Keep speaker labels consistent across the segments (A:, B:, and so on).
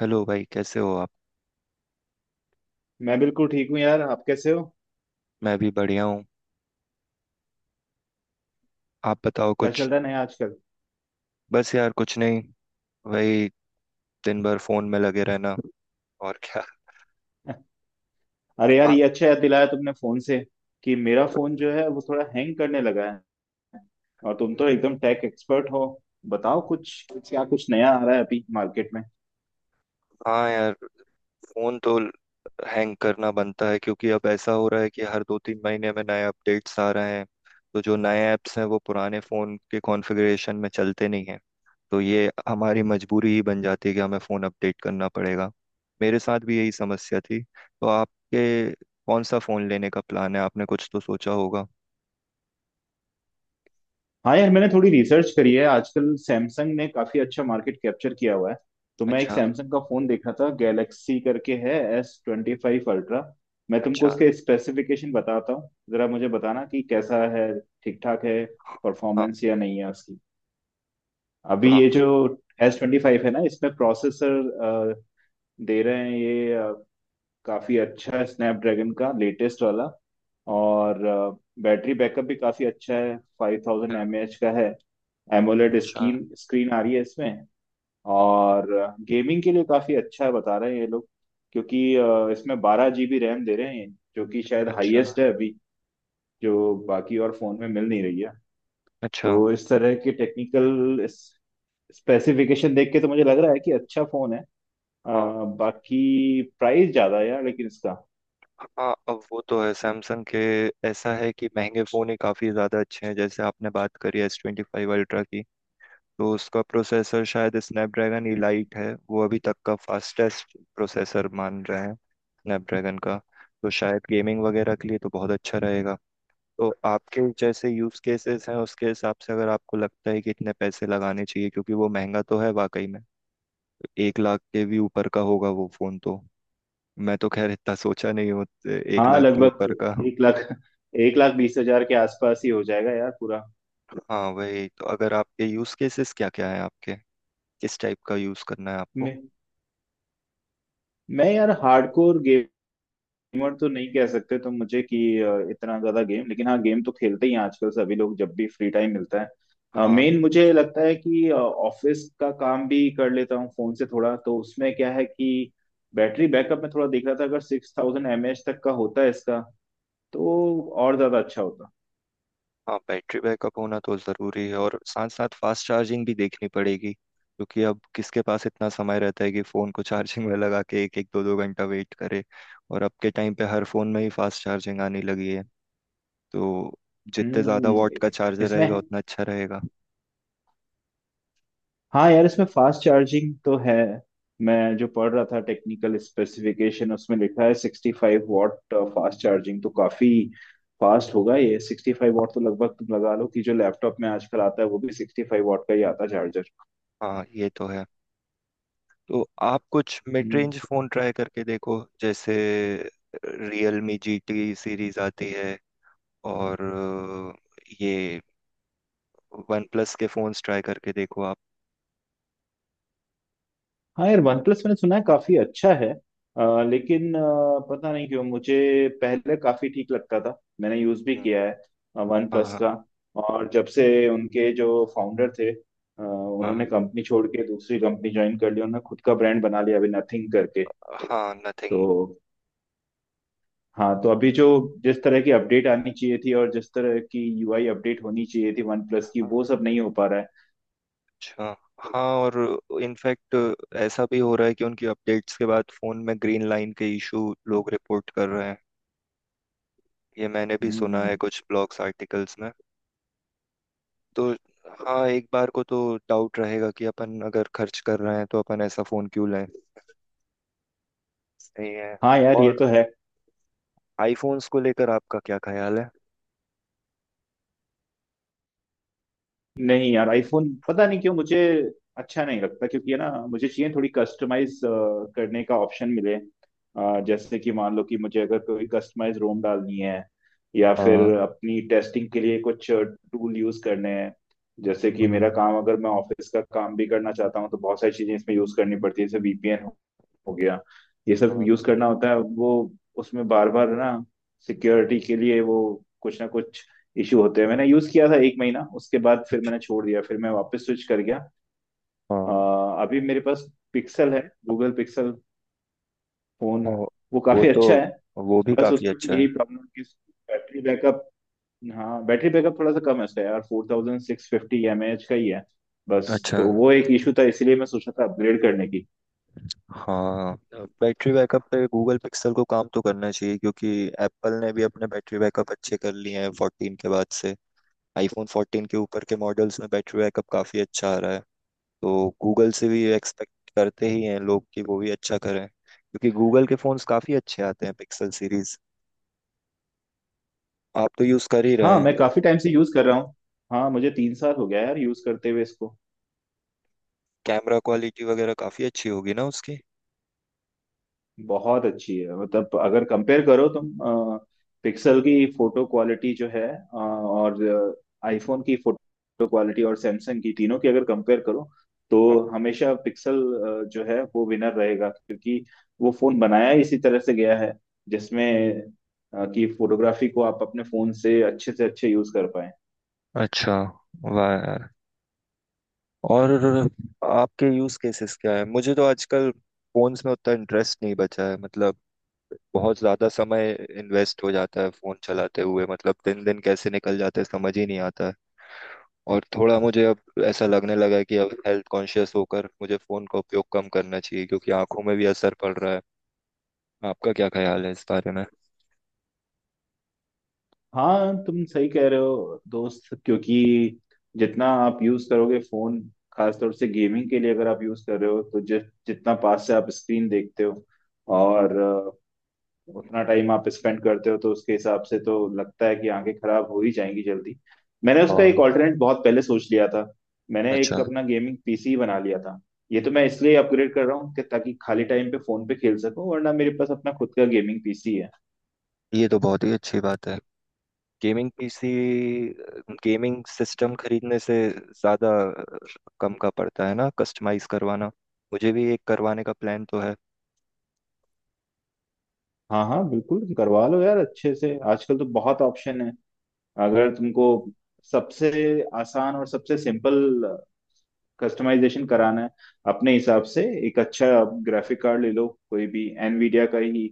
A: Hello भाई, कैसे हो आप।
B: मैं बिल्कुल ठीक हूँ यार। आप कैसे हो?
A: मैं भी बढ़िया हूँ। आप बताओ
B: क्या
A: कुछ।
B: चल रहा है नया आजकल?
A: बस यार, कुछ नहीं। वही, दिन भर फोन में लगे रहना, और क्या।
B: अरे यार,
A: आप।
B: ये अच्छा याद दिलाया तुमने फोन से, कि मेरा फोन जो है वो थोड़ा हैंग करने लगा है। और तुम तो एकदम टेक एक्सपर्ट हो, बताओ कुछ, क्या कुछ नया आ रहा है अभी मार्केट में?
A: हाँ यार, फोन तो हैंग करना बनता है, क्योंकि अब ऐसा हो रहा है कि हर दो तीन महीने में नए अपडेट्स आ रहे हैं। तो जो नए ऐप्स हैं वो पुराने फोन के कॉन्फ़िगरेशन में चलते नहीं हैं। तो ये हमारी मजबूरी ही बन जाती है कि हमें फोन अपडेट करना पड़ेगा। मेरे साथ भी यही समस्या थी। तो आपके, कौन सा फोन लेने का प्लान है, आपने कुछ तो सोचा होगा।
B: हाँ यार, मैंने थोड़ी रिसर्च करी है। आजकल सैमसंग ने काफी अच्छा मार्केट कैप्चर किया हुआ है, तो मैं एक
A: अच्छा।
B: सैमसंग का फोन देख रहा था, गैलेक्सी करके है, S25 अल्ट्रा। मैं तुमको
A: अच्छा।
B: उसके स्पेसिफिकेशन बताता हूँ, जरा मुझे बताना कि कैसा है, ठीक ठाक है
A: हाँ।
B: परफॉर्मेंस या नहीं है उसकी। अभी ये
A: हाँ।
B: जो S25 है ना, इसमें प्रोसेसर दे रहे हैं ये काफी अच्छा है, स्नैपड्रैगन का लेटेस्ट वाला। और बैटरी बैकअप भी काफी अच्छा है, फाइव थाउजेंड
A: हाँ,
B: एम ए एच का है। एमोलेड
A: अच्छा।
B: स्क्रीन स्क्रीन आ रही है इसमें। और गेमिंग के लिए काफी अच्छा है, बता रहे हैं ये लोग, क्योंकि इसमें 12 GB रैम दे रहे हैं, जो कि शायद
A: अच्छा।
B: हाईएस्ट है अभी, जो बाकी और फोन में मिल नहीं रही है।
A: अच्छा।
B: तो इस तरह के टेक्निकल स्पेसिफिकेशन देख के तो मुझे लग रहा है कि अच्छा फोन है। अ,
A: हाँ।
B: बाकी प्राइस ज्यादा है यार, लेकिन इसका।
A: हाँ, अब वो तो है सैमसंग के। ऐसा है कि महंगे फ़ोन ही काफ़ी ज़्यादा अच्छे हैं। जैसे आपने बात करी एस 25 अल्ट्रा की, तो उसका प्रोसेसर शायद स्नैपड्रैगन इलाइट है। वो अभी तक का फास्टेस्ट प्रोसेसर मान रहे हैं स्नैपड्रैगन का। तो शायद गेमिंग वगैरह के लिए तो बहुत अच्छा रहेगा। तो आपके जैसे यूज़ केसेस हैं, उसके हिसाब से अगर आपको लगता है कि इतने पैसे लगाने चाहिए, क्योंकि वो महंगा तो है वाकई में। 1 लाख के भी ऊपर का होगा वो फोन तो। मैं तो खैर इतना सोचा नहीं हूँ। एक
B: हाँ,
A: लाख के
B: लगभग
A: ऊपर का।
B: एक लाख, 1 लाख 20 हज़ार के आसपास ही हो जाएगा यार पूरा।
A: हाँ, वही तो, अगर आपके यूज केसेस क्या क्या है आपके, किस टाइप का यूज करना है आपको।
B: मैं मैं यार, हार्डकोर गेमर तो नहीं कह सकते तुम मुझे कि इतना ज्यादा गेम, लेकिन हाँ, गेम तो खेलते ही हैं आजकल सभी लोग जब भी फ्री टाइम मिलता है।
A: हाँ।
B: मेन मुझे लगता है कि ऑफिस का काम भी कर लेता हूँ फोन से थोड़ा, तो उसमें क्या है कि बैटरी बैकअप में थोड़ा देख रहा था, अगर 6000 mAh तक का होता है इसका, तो और ज्यादा अच्छा होता।
A: हाँ, बैटरी बैकअप होना तो जरूरी है, और साथ साथ फास्ट चार्जिंग भी देखनी पड़ेगी, क्योंकि अब किसके पास इतना समय रहता है कि फोन को चार्जिंग में लगा के एक एक दो दो घंटा वेट करे। और अब के टाइम पे हर फोन में ही फास्ट चार्जिंग आने लगी है। तो जितने ज्यादा
B: हम्म।
A: वॉट का चार्जर रहेगा
B: इसमें
A: उतना अच्छा रहेगा।
B: हाँ यार, इसमें फास्ट चार्जिंग तो है। मैं जो पढ़ रहा था टेक्निकल स्पेसिफिकेशन, उसमें लिखा है 65 वॉट फास्ट चार्जिंग, तो काफी फास्ट होगा ये। 65 वॉट तो लगभग तुम लगा लो कि जो लैपटॉप में आजकल आता है वो भी 65 वॉट का ही आता है
A: हाँ ये तो है। तो आप कुछ mid
B: charger.
A: Range phone try करके देखो, जैसे रियलमी GT सीरीज आती है, और ये वन प्लस के फोन्स ट्राई करके देखो आप।
B: हाँ यार, वन प्लस मैंने सुना है काफी अच्छा है, लेकिन पता नहीं क्यों, मुझे पहले काफी ठीक लगता था, मैंने यूज भी
A: हम्म,
B: किया है वन प्लस
A: हाँ।
B: का। और जब से उनके जो फाउंडर थे,
A: हाँ।
B: उन्होंने कंपनी छोड़ के दूसरी कंपनी ज्वाइन कर ली, उन्होंने खुद का ब्रांड बना लिया अभी नथिंग करके।
A: हाँ,
B: तो
A: नथिंग।
B: हाँ, तो अभी जो जिस तरह की अपडेट आनी चाहिए थी और जिस तरह की UI अपडेट होनी चाहिए थी वन प्लस की, वो सब नहीं हो पा रहा है।
A: अच्छा। हाँ और, इनफैक्ट, ऐसा भी हो रहा है कि उनकी अपडेट्स के बाद फोन में ग्रीन लाइन के इशू लोग रिपोर्ट कर रहे हैं। ये मैंने भी सुना है
B: हम्म।
A: कुछ ब्लॉग्स आर्टिकल्स में। तो हाँ, एक बार को तो डाउट रहेगा कि अपन अगर खर्च कर रहे हैं, तो अपन ऐसा फोन क्यों लें। सही है।
B: हाँ यार, ये
A: और
B: तो है।
A: आईफोन्स को लेकर आपका क्या ख्याल है।
B: नहीं यार, आईफोन पता नहीं क्यों मुझे अच्छा नहीं लगता, क्योंकि है ना, मुझे चाहिए थोड़ी कस्टमाइज करने का ऑप्शन मिले। जैसे कि मान लो कि मुझे अगर कोई कस्टमाइज रोम डालनी है, या फिर
A: हाँ।
B: अपनी टेस्टिंग के लिए कुछ टूल यूज करने हैं। जैसे कि
A: हाँ।
B: मेरा काम, अगर मैं ऑफिस का काम भी करना चाहता हूँ, तो बहुत सारी चीजें इसमें यूज करनी पड़ती है, जैसे VPN हो गया, ये सब
A: हाँ।
B: यूज करना होता है। वो उसमें बार बार ना, सिक्योरिटी के लिए वो कुछ ना कुछ इशू होते हैं। मैंने यूज किया था एक महीना, उसके बाद फिर
A: अच्छा,
B: मैंने छोड़ दिया, फिर मैं वापस स्विच कर गया। अ,
A: हाँ।
B: अभी मेरे पास पिक्सल है, गूगल पिक्सल फोन।
A: वो
B: वो
A: वो
B: काफी
A: तो
B: अच्छा है,
A: वो भी
B: बस
A: काफी
B: उसमें भी
A: अच्छा है।
B: यही प्रॉब्लम कि बैटरी बैकअप। हाँ, बैटरी बैकअप थोड़ा सा कम है उसका यार, 4650 mAh का ही है बस।
A: अच्छा।
B: तो वो एक इशू था, इसीलिए मैं सोचा था अपग्रेड करने की।
A: हाँ, बैटरी बैकअप पे गूगल पिक्सल को काम तो करना चाहिए, क्योंकि एप्पल ने भी अपने बैटरी बैकअप अच्छे कर लिए हैं 14 के बाद से। आईफोन 14 के ऊपर के मॉडल्स में बैटरी बैकअप काफी अच्छा आ रहा है। तो गूगल से भी एक्सपेक्ट करते ही हैं लोग कि वो भी अच्छा करें, क्योंकि गूगल के फोन्स काफ़ी अच्छे आते हैं पिक्सल सीरीज। आप तो यूज़ कर ही रहे
B: हाँ, मैं
A: हैं।
B: काफी टाइम से यूज कर रहा हूँ। हाँ, मुझे 3 साल हो गया यार यूज करते हुए इसको।
A: कैमरा क्वालिटी वगैरह काफ़ी अच्छी होगी ना उसकी।
B: बहुत अच्छी है, मतलब अगर कंपेयर करो तुम पिक्सल की फोटो क्वालिटी जो है, और आईफोन की फोटो क्वालिटी और सैमसंग की, तीनों की अगर कंपेयर करो तो हमेशा पिक्सल जो है वो विनर रहेगा, क्योंकि वो फोन बनाया ही इसी तरह से गया है, जिसमें कि फोटोग्राफी को आप अपने फोन से अच्छे यूज कर पाए।
A: अच्छा। वाह यार। और आपके यूज़ केसेस क्या है। मुझे तो आजकल फोन्स में उतना इंटरेस्ट नहीं बचा है, मतलब बहुत ज्यादा समय इन्वेस्ट हो जाता है फोन चलाते हुए, मतलब दिन दिन कैसे निकल जाता है समझ ही नहीं आता है। और थोड़ा मुझे अब ऐसा लगने लगा है कि अब हेल्थ कॉन्शियस होकर मुझे फोन का उपयोग कम करना चाहिए, क्योंकि आंखों में भी असर पड़ रहा है। आपका क्या ख्याल है इस बारे में।
B: हाँ, तुम सही कह रहे हो दोस्त, क्योंकि जितना आप यूज करोगे फोन, खासतौर से गेमिंग के लिए अगर आप यूज कर रहे हो, तो जितना पास से आप स्क्रीन देखते हो और उतना टाइम आप स्पेंड करते हो, तो उसके हिसाब से तो लगता है कि आंखें खराब हो ही जाएंगी जल्दी। मैंने उसका एक
A: और,
B: ऑल्टरनेट बहुत पहले सोच लिया था, मैंने एक
A: अच्छा,
B: अपना गेमिंग PC बना लिया था। ये तो मैं इसलिए अपग्रेड कर रहा हूँ कि ताकि खाली टाइम पे फोन पे खेल सकूं, वरना मेरे पास अपना खुद का गेमिंग पीसी है।
A: ये तो बहुत ही अच्छी बात है। गेमिंग पीसी, गेमिंग सिस्टम खरीदने से ज्यादा कम का पड़ता है ना कस्टमाइज करवाना। मुझे भी एक करवाने का प्लान तो है।
B: हाँ हाँ, बिल्कुल करवा लो यार, अच्छे से, आजकल तो बहुत ऑप्शन है। अगर तुमको सबसे आसान और सबसे सिंपल कस्टमाइजेशन कराना है अपने हिसाब से, एक अच्छा ग्राफिक कार्ड ले लो, कोई भी एनवीडिया का ही,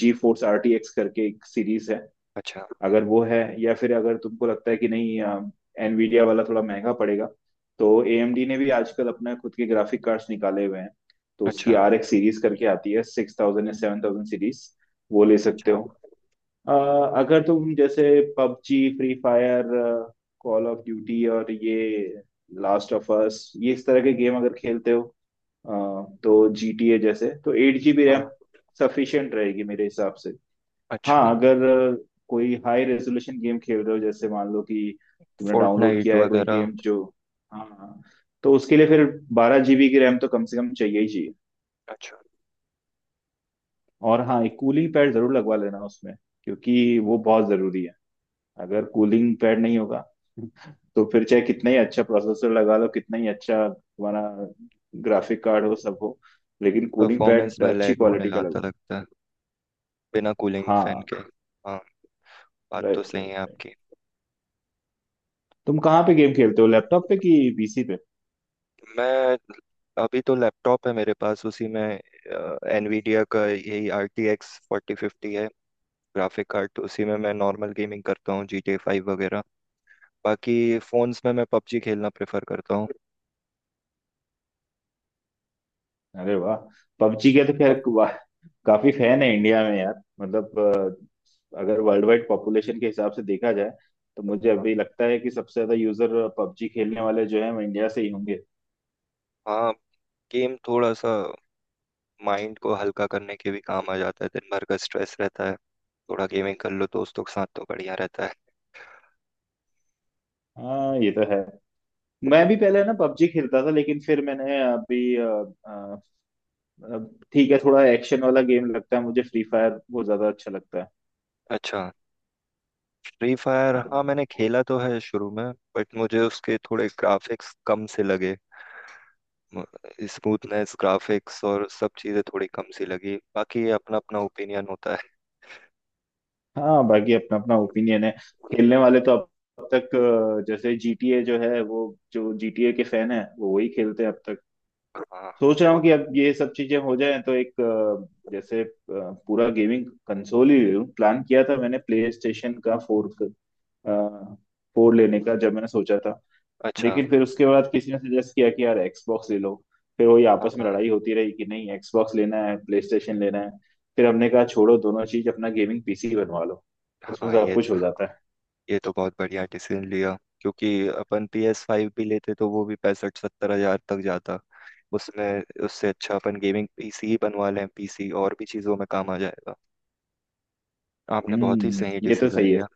B: जी फोर्स RTX करके एक सीरीज है,
A: अच्छा।
B: अगर वो है। या फिर अगर तुमको लगता है कि नहीं, एनवीडिया वाला थोड़ा महंगा पड़ेगा, तो AMD ने भी आजकल अपना खुद के ग्राफिक कार्ड्स निकाले हुए हैं, तो उसकी
A: अच्छा।
B: RX सीरीज करके आती है, 6000 या 7000 सीरीज, वो ले सकते
A: अच्छा।
B: हो। अ, अगर तुम जैसे PUBG, free fire, call of duty और ये लास्ट ऑफ अस, ये इस तरह के गेम अगर खेलते हो, अ, तो GTA जैसे तो 8 GB रैम सफिशियंट रहेगी मेरे हिसाब से।
A: अच्छा।
B: हाँ, अगर अ, कोई हाई रेजोल्यूशन गेम खेल रहे हो, जैसे मान लो कि तुमने डाउनलोड
A: फोर्टनाइट
B: किया है कोई
A: वगैरह।
B: गेम जो, हाँ हाँ, तो उसके लिए फिर 12 GB की रैम तो कम से कम चाहिए ही चाहिए।
A: अच्छा।
B: और हाँ, एक कूलिंग पैड जरूर लगवा लेना उसमें, क्योंकि वो बहुत जरूरी है। अगर कूलिंग पैड नहीं होगा तो फिर चाहे कितना ही अच्छा प्रोसेसर लगा लो, कितना ही अच्छा तुम्हारा ग्राफिक कार्ड हो, सब हो, लेकिन कूलिंग
A: परफॉर्मेंस
B: पैड
A: में
B: अच्छी
A: लैग होने
B: क्वालिटी का
A: आता
B: लगा।
A: लगता है बिना कूलिंग फैन
B: हाँ,
A: के। हाँ, बात तो
B: राइट
A: सही
B: राइट
A: है
B: राइट।
A: आपकी।
B: तुम कहाँ पे गेम खेलते हो, लैपटॉप पे कि पीसी पे?
A: मैं, अभी तो लैपटॉप है मेरे पास, उसी में एनवीडिया का यही RTX 4050 है ग्राफिक कार्ड। उसी में मैं नॉर्मल गेमिंग करता हूँ, GTA 5 वगैरह। बाकी फोन्स में मैं पबजी खेलना प्रेफर करता हूँ।
B: अरे वाह, पबजी के तो खैर, वाह, काफी फैन है इंडिया में यार, मतलब अगर वर्ल्ड वाइड पॉपुलेशन के हिसाब से देखा जाए, तो मुझे
A: हाँ।
B: अभी लगता है कि सबसे ज्यादा यूजर पबजी खेलने वाले जो है वो इंडिया से ही होंगे।
A: हाँ, गेम थोड़ा सा माइंड को हल्का करने के भी काम आ जाता है। दिन भर का स्ट्रेस रहता है, थोड़ा गेमिंग कर लो दोस्तों के साथ, तो बढ़िया रहता है।
B: हाँ, ये तो है। मैं भी पहले ना पबजी खेलता था, लेकिन फिर मैंने अभी अ, अ, ठीक है, थोड़ा एक्शन वाला गेम लगता है, मुझे फ्री फायर बहुत ज्यादा अच्छा लगता है।
A: अच्छा। फ्री फायर हाँ,
B: हाँ।
A: मैंने
B: उस-
A: खेला तो है शुरू में, बट मुझे उसके थोड़े ग्राफिक्स कम से लगे। स्मूथनेस, ग्राफिक्स और सब चीज़ें थोड़ी कम सी लगी। बाकी अपना अपना ओपिनियन होता है।
B: हाँ, बाकी अपना अपना ओपिनियन है। खेलने वाले तो अब तक जैसे GTA जो है वो, जो GTA के फैन है वो वही खेलते हैं अब तक।
A: हाँ।
B: सोच रहा
A: वो।
B: हूँ कि अब ये सब चीजें हो जाएं तो एक जैसे पूरा गेमिंग कंसोल ही ले लूं। प्लान किया था मैंने प्ले स्टेशन का फोर फोर लेने का जब मैंने सोचा था।
A: अच्छा,
B: लेकिन फिर उसके बाद किसी ने सजेस्ट किया कि यार एक्सबॉक्स ले लो, फिर वही आपस में
A: हाँ।
B: लड़ाई होती रही कि नहीं एक्सबॉक्स लेना है, प्ले स्टेशन लेना है। फिर हमने कहा छोड़ो दोनों चीज, अपना गेमिंग पीसी बनवा लो, उसमें
A: हाँ,
B: सब
A: ये
B: कुछ हो जाता है।
A: ये तो बहुत बढ़िया डिसीजन लिया, क्योंकि अपन PS5 भी लेते तो वो भी 65-70 हजार तक जाता। उसमें, उससे अच्छा अपन गेमिंग पीसी ही बनवा लें। पीसी और भी चीज़ों में काम आ जाएगा। आपने बहुत ही
B: हम्म,
A: सही
B: ये तो
A: डिसीजन
B: सही है।
A: लिया।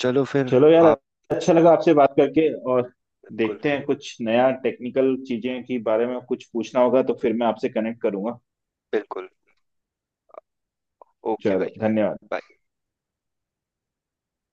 A: चलो फिर।
B: चलो यार,
A: आप,
B: अच्छा लगा आपसे बात करके। और
A: बिल्कुल।
B: देखते हैं, कुछ नया टेक्निकल चीजें के बारे में कुछ पूछना होगा तो फिर मैं आपसे कनेक्ट करूंगा।
A: बिल्कुल। ओके भाई,
B: चलो, धन्यवाद।
A: bye।